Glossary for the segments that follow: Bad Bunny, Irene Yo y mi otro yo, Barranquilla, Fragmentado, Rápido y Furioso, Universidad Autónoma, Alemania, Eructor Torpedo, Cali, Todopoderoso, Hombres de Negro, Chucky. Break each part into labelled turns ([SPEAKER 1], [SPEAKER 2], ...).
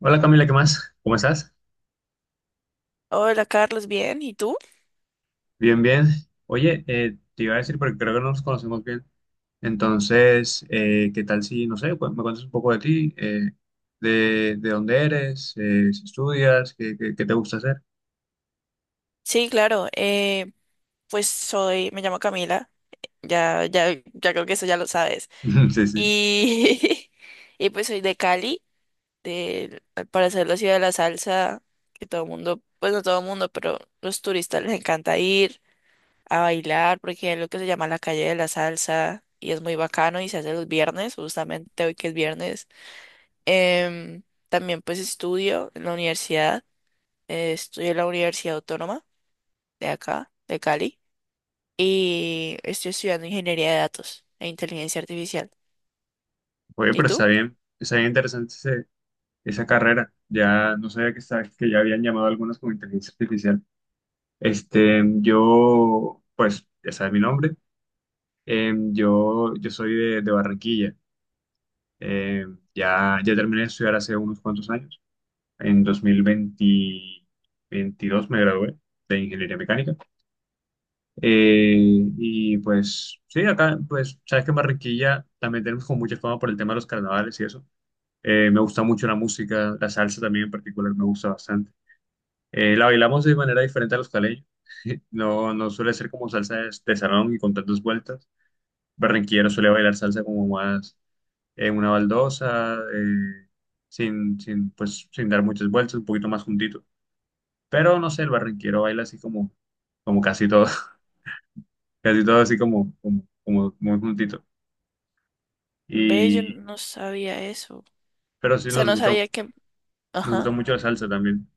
[SPEAKER 1] Hola Camila, ¿qué más? ¿Cómo estás?
[SPEAKER 2] Hola Carlos, bien, ¿y tú?
[SPEAKER 1] Bien, bien. Oye, te iba a decir, porque creo que no nos conocemos bien. Entonces, ¿qué tal si, no sé, me cuentas un poco de ti, de dónde eres, si estudias, qué te gusta hacer?
[SPEAKER 2] Sí, claro, pues me llamo Camila, ya, creo que eso ya lo sabes.
[SPEAKER 1] Sí, sí.
[SPEAKER 2] Y, y pues soy de Cali, de, para ser la ciudad de la salsa, que todo el mundo, pues no todo el mundo, pero los turistas les encanta ir a bailar, porque es lo que se llama la calle de la salsa, y es muy bacano, y se hace los viernes, justamente hoy que es viernes. Em, también pues estudio en la universidad, estudio en la Universidad Autónoma de acá, de Cali, y estoy estudiando ingeniería de datos e inteligencia artificial.
[SPEAKER 1] Oye,
[SPEAKER 2] ¿Y
[SPEAKER 1] pero
[SPEAKER 2] tú?
[SPEAKER 1] está bien interesante esa carrera. Ya no sabía que, estaba que ya habían llamado algunas como inteligencia artificial. Este, yo, pues, ya sabes mi nombre. Yo, yo soy de Barranquilla. Eh, ya, ya terminé de estudiar hace unos cuantos años. En 2022 me gradué de ingeniería mecánica. Eh, y pues sí, acá, pues sabes que en Barranquilla también tenemos como mucha fama por el tema de los carnavales y eso. Me gusta mucho la música, la salsa también en particular me gusta bastante. La bailamos de manera diferente a los caleños. No, no suele ser como salsa de salón y con tantas vueltas. Barranquillero suele bailar salsa como más en una baldosa, sin dar muchas vueltas, un poquito más juntito. Pero no sé, el barranquero baila así como, como casi todo, casi todo así como, como, como muy juntito.
[SPEAKER 2] Ve, yo
[SPEAKER 1] Y,
[SPEAKER 2] no sabía eso. O
[SPEAKER 1] pero sí
[SPEAKER 2] sea, no sabía que,
[SPEAKER 1] nos gusta
[SPEAKER 2] ajá,
[SPEAKER 1] mucho la salsa también.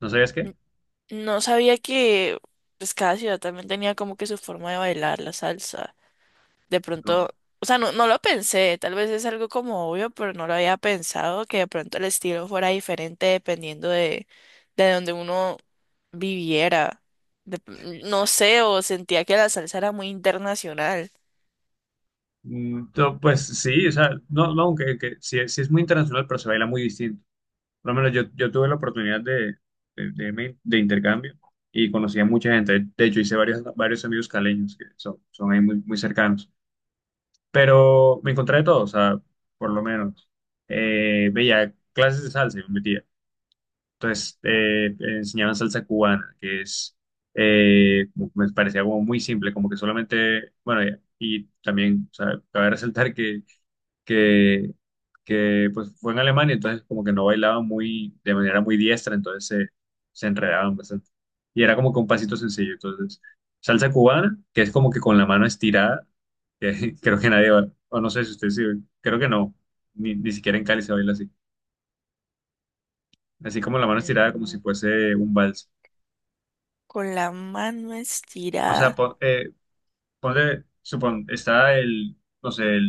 [SPEAKER 1] ¿No sabías qué?
[SPEAKER 2] n- no sabía que pues cada ciudad también tenía como que su forma de bailar la salsa. De
[SPEAKER 1] No.
[SPEAKER 2] pronto, o sea, no lo pensé, tal vez es algo como obvio, pero no lo había pensado que de pronto el estilo fuera diferente dependiendo de donde uno viviera. de- no sé, o sentía que la salsa era muy internacional.
[SPEAKER 1] Mm, pues sí, o sea, no, no, aunque que, sí, sí es muy internacional, pero se baila muy distinto. Por lo menos yo, yo tuve la oportunidad de irme de intercambio y conocí a mucha gente. De hecho, hice varios, varios amigos caleños que son, son ahí muy, muy cercanos. Pero me encontré de todo, o sea, por lo menos. Veía clases de salsa y me metía. Entonces, enseñaban salsa cubana, que es, como que me parecía como muy simple, como que solamente, bueno, y también, o sea, cabe resaltar que que, que pues fue en Alemania, entonces como que no bailaban muy, de manera muy diestra, entonces se enredaban bastante. Y era como que un pasito sencillo, entonces salsa cubana, que es como que con la mano estirada, que creo que nadie va, o no sé si ustedes sí, creo que no, ni siquiera en Cali se baila así, así como la mano estirada como si
[SPEAKER 2] Mm,
[SPEAKER 1] fuese un vals.
[SPEAKER 2] con la mano
[SPEAKER 1] O sea,
[SPEAKER 2] estirada.
[SPEAKER 1] ponle, supon, está el, no sé,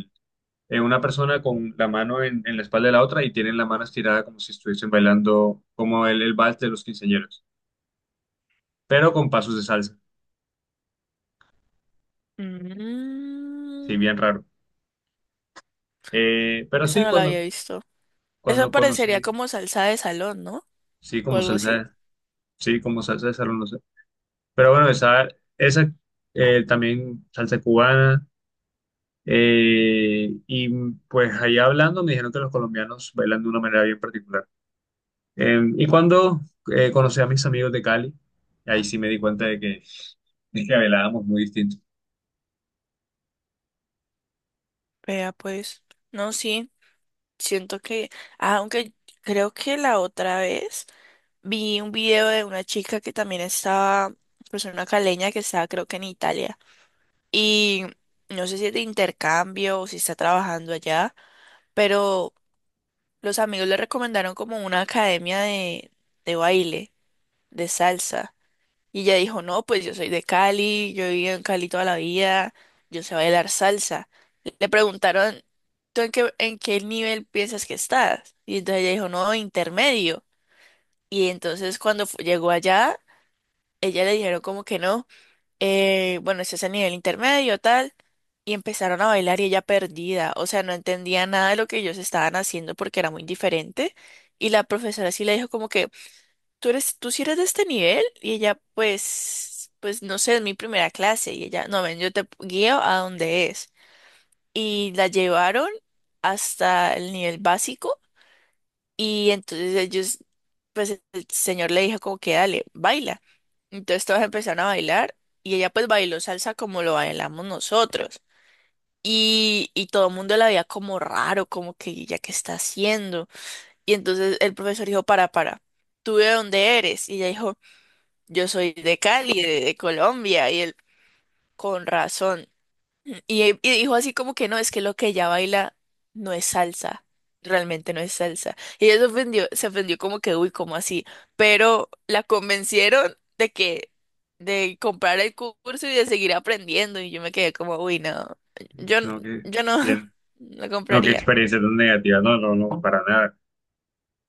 [SPEAKER 1] una persona con la mano en la espalda de la otra y tienen la mano estirada como si estuviesen bailando como el vals de los quinceañeros, pero con pasos de salsa,
[SPEAKER 2] Mm,
[SPEAKER 1] sí, bien raro. Pero
[SPEAKER 2] eso
[SPEAKER 1] sí,
[SPEAKER 2] no lo había visto. Eso
[SPEAKER 1] cuando
[SPEAKER 2] parecería
[SPEAKER 1] conocí,
[SPEAKER 2] como salsa de salón, ¿no?
[SPEAKER 1] sí,
[SPEAKER 2] O
[SPEAKER 1] como
[SPEAKER 2] algo así.
[SPEAKER 1] salsa, sí, como salsa de salón, no sé. Pero bueno, esa, esa también salsa cubana. Y pues ahí hablando me dijeron que los colombianos bailan de una manera bien particular. Y cuando conocí a mis amigos de Cali, ahí sí me di cuenta de que es que velábamos muy distintos.
[SPEAKER 2] Vea, pues. No, sí. Siento que ah, aunque creo que la otra vez vi un video de una chica que también estaba. Pues una caleña que estaba, creo que en Italia. Y no sé si es de intercambio o si está trabajando allá. Pero los amigos le recomendaron como una academia de baile, de salsa. Y ella dijo, no, pues yo soy de Cali, yo he vivido en Cali toda la vida, yo sé bailar salsa. Le preguntaron, ¿tú en qué nivel piensas que estás? Y entonces ella dijo, no, intermedio. Y entonces cuando llegó allá, ella le dijeron como que no, bueno, este es el nivel intermedio, tal. Y empezaron a bailar y ella perdida, o sea, no entendía nada de lo que ellos estaban haciendo porque era muy diferente. Y la profesora sí le dijo como que, tú eres, tú sí eres de este nivel y ella pues, pues no sé, es mi primera clase y ella, no, ven, yo te guío a donde es. Y la llevaron hasta el nivel básico y entonces ellos, pues el señor le dijo como que dale, baila. Entonces todos empezaron a bailar y ella pues bailó salsa como lo bailamos nosotros. Y todo el mundo la veía como raro, como que ella qué está haciendo. Y entonces el profesor dijo, para, ¿tú de dónde eres? Y ella dijo, yo soy de Cali, de Colombia, y él, con razón. Y dijo así como que no, es que lo que ella baila no es salsa, realmente no es salsa. Y ella se ofendió como que, uy, ¿como así? Pero la convencieron de comprar el curso y de seguir aprendiendo, y yo me quedé como, uy, no, yo, n-
[SPEAKER 1] No, que
[SPEAKER 2] yo no,
[SPEAKER 1] bien.
[SPEAKER 2] no
[SPEAKER 1] No, qué
[SPEAKER 2] compraría.
[SPEAKER 1] experiencia tan negativa. No, no, no, para nada.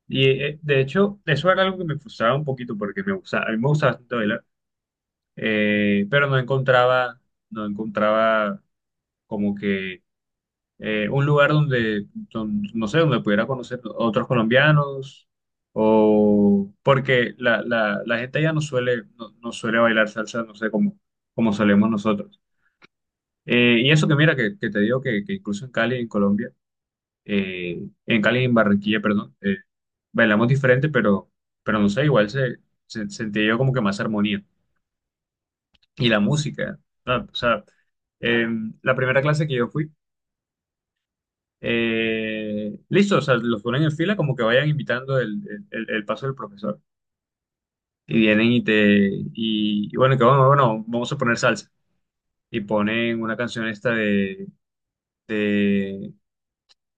[SPEAKER 1] Y de hecho, eso era algo que me frustraba un poquito porque me gustaba, a mí me gustaba bastante bailar, pero no encontraba, no encontraba como que un lugar donde, no sé, donde pudiera conocer otros colombianos o porque la gente ya no suele, no, no suele bailar salsa, no sé, como, como solemos nosotros. Y eso que mira, que te digo que incluso en Cali, en Colombia, en Cali y en Barranquilla, perdón, bailamos diferente, pero no sé, igual se, sentía yo como que más armonía. Y la música, ¿no? O sea, eh, la primera clase que yo fui, listo, o sea, los ponen en fila como que vayan invitando el, el paso del profesor. Y vienen y te, y bueno, que vamos, bueno, vamos a poner salsa. Y ponen una canción esta de,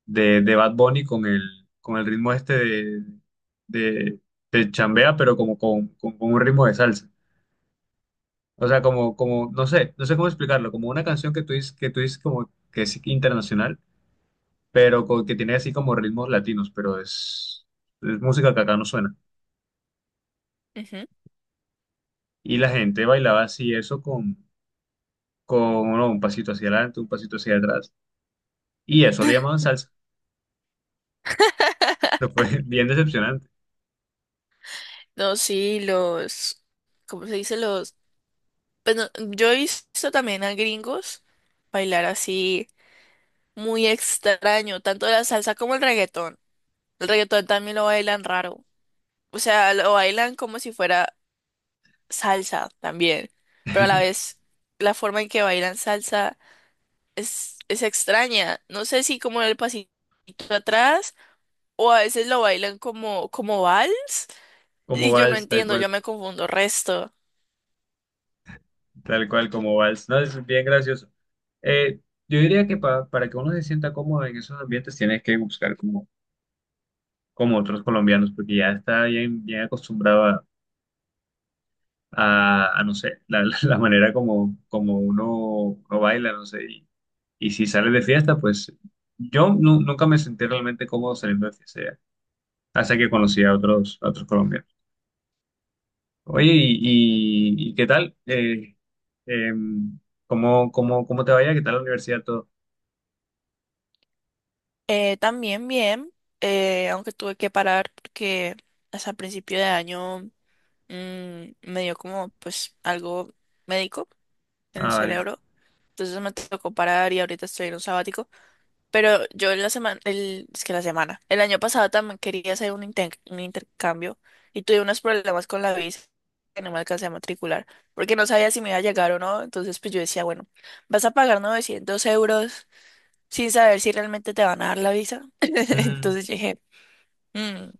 [SPEAKER 1] de, de Bad Bunny con el ritmo este de, de chambea, pero como con, con un ritmo de salsa. O sea, como, como, no sé, no sé cómo explicarlo, como una canción que tú dices como que es internacional, que tiene así como ritmos latinos, pero es música que acá no suena.
[SPEAKER 2] Ujú.
[SPEAKER 1] Y la gente bailaba así eso con no, un pasito hacia adelante, un pasito hacia atrás, y eso le llamaban salsa. Pero fue bien decepcionante,
[SPEAKER 2] No, sí, los, ¿cómo se dice? Los, pues no, yo he visto también a gringos bailar así muy extraño, tanto la salsa como el reggaetón. El reggaetón también lo bailan raro. O sea, lo bailan como si fuera salsa también, pero a la vez la forma en que bailan salsa es extraña. No sé si como el pasito atrás o a veces lo bailan como, como vals
[SPEAKER 1] como
[SPEAKER 2] y yo no
[SPEAKER 1] vals, tal
[SPEAKER 2] entiendo,
[SPEAKER 1] cual.
[SPEAKER 2] yo me confundo resto.
[SPEAKER 1] Tal cual como vals. No, es bien gracioso. Eh, yo diría que para que uno se sienta cómodo en esos ambientes tienes que buscar como, como otros colombianos, porque ya está bien, bien acostumbrado a, no sé, la, la manera como, como uno, uno baila, no sé. Y si sales de fiesta, pues yo nunca me sentí realmente cómodo saliendo de fiesta, ya, hasta que conocí a otros colombianos. Oye, ¿ y qué tal? Em, ¿Cómo, cómo, cómo te vaya? ¿Qué tal la universidad? Todo.
[SPEAKER 2] También bien, aunque tuve que parar porque hasta principio de año me dio como pues algo médico en el
[SPEAKER 1] Ah, vale.
[SPEAKER 2] cerebro. Entonces me tocó parar y ahorita estoy en un sabático. Pero yo en la semana, el, es que la semana, el año pasado también quería hacer un, un intercambio y tuve unos problemas con la visa que no me alcancé a matricular porque no sabía si me iba a llegar o no. Entonces pues yo decía, bueno, vas a pagar 900 euros sin saber si realmente te van a dar la visa.
[SPEAKER 1] Mm,
[SPEAKER 2] Entonces yo dije... "Mm,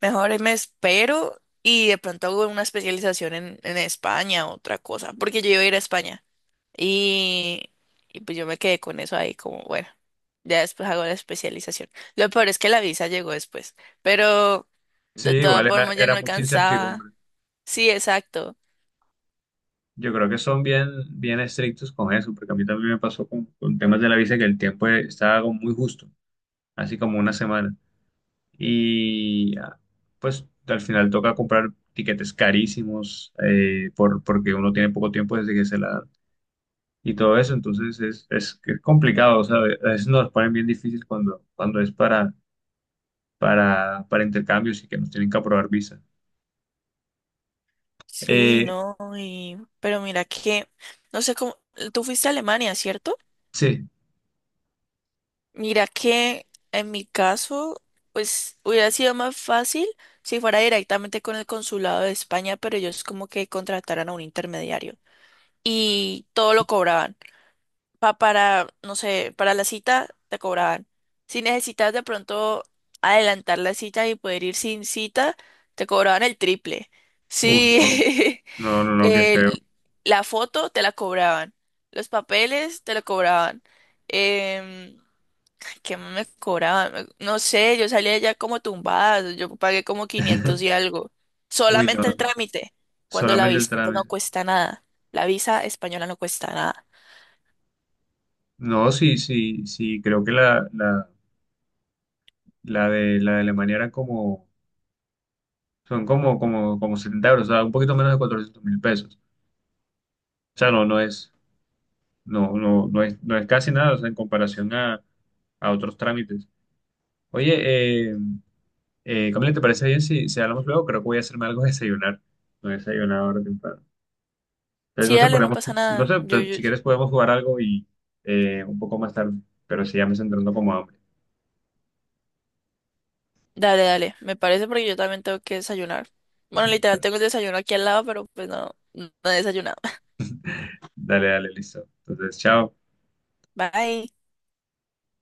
[SPEAKER 2] mejor ahí me espero y de pronto hago una especialización en España, otra cosa, porque yo iba a ir a España y, y pues yo me quedé con eso ahí como, bueno, ya después hago la especialización. Lo peor es que la visa llegó después, pero
[SPEAKER 1] sí,
[SPEAKER 2] de todas
[SPEAKER 1] igual era,
[SPEAKER 2] formas ya no
[SPEAKER 1] era mucha
[SPEAKER 2] alcanzaba.
[SPEAKER 1] incertidumbre.
[SPEAKER 2] Sí, exacto.
[SPEAKER 1] Yo creo que son bien, bien estrictos con eso, porque a mí también me pasó con temas de la visa que el tiempo estaba como muy justo, así como una semana. Y ah, pues al final toca comprar tiquetes carísimos por, porque uno tiene poco tiempo desde que se la dan y todo eso, entonces es, que es complicado, o sea, a veces nos ponen bien difícil cuando, cuando es para intercambios y que nos tienen que aprobar visa.
[SPEAKER 2] Sí,
[SPEAKER 1] Eh,
[SPEAKER 2] no, y, pero mira que, no sé cómo, tú fuiste a Alemania, ¿cierto?
[SPEAKER 1] sí,
[SPEAKER 2] Mira que en mi caso, pues hubiera sido más fácil si fuera directamente con el consulado de España, pero ellos como que contrataran a un intermediario y todo lo cobraban. Para, no sé, para la cita te cobraban. Si necesitas de pronto adelantar la cita y poder ir sin cita, te cobraban el triple.
[SPEAKER 1] uff,
[SPEAKER 2] Sí,
[SPEAKER 1] no, no, no, qué feo.
[SPEAKER 2] el- la foto te la cobraban, los papeles te la cobraban. em, ¿Qué más me cobraban? No sé, yo salía ya como tumbada, yo pagué como 500 y algo.
[SPEAKER 1] Uy, no,
[SPEAKER 2] Solamente
[SPEAKER 1] no.
[SPEAKER 2] el trámite, cuando la
[SPEAKER 1] Solamente el
[SPEAKER 2] visa no
[SPEAKER 1] trámite.
[SPEAKER 2] cuesta nada. La visa española no cuesta nada.
[SPEAKER 1] No, sí, sí, sí, creo que la, la de Alemania eran como, son como, como, como 70 euros, o sea, un poquito menos de 400.000 pesos. O sea, no, no es, no, no, no es, no es casi nada, o sea, en comparación a otros trámites. Oye, Camila, ¿te parece bien si, si hablamos luego? Creo que voy a hacerme algo de desayunar. No he desayunado ahora temprano. Entonces,
[SPEAKER 2] Sí,
[SPEAKER 1] no sé,
[SPEAKER 2] dale, no
[SPEAKER 1] podemos,
[SPEAKER 2] pasa
[SPEAKER 1] no
[SPEAKER 2] nada.
[SPEAKER 1] sé, si quieres podemos jugar algo y un poco más tarde, pero si ya me estoy entrando como hambre.
[SPEAKER 2] Dale, dale, me parece porque yo también tengo que desayunar. Bueno, literal, tengo el desayuno aquí al lado, pero pues no, no he desayunado.
[SPEAKER 1] Dale, dale, listo. Entonces, chao.
[SPEAKER 2] Bye.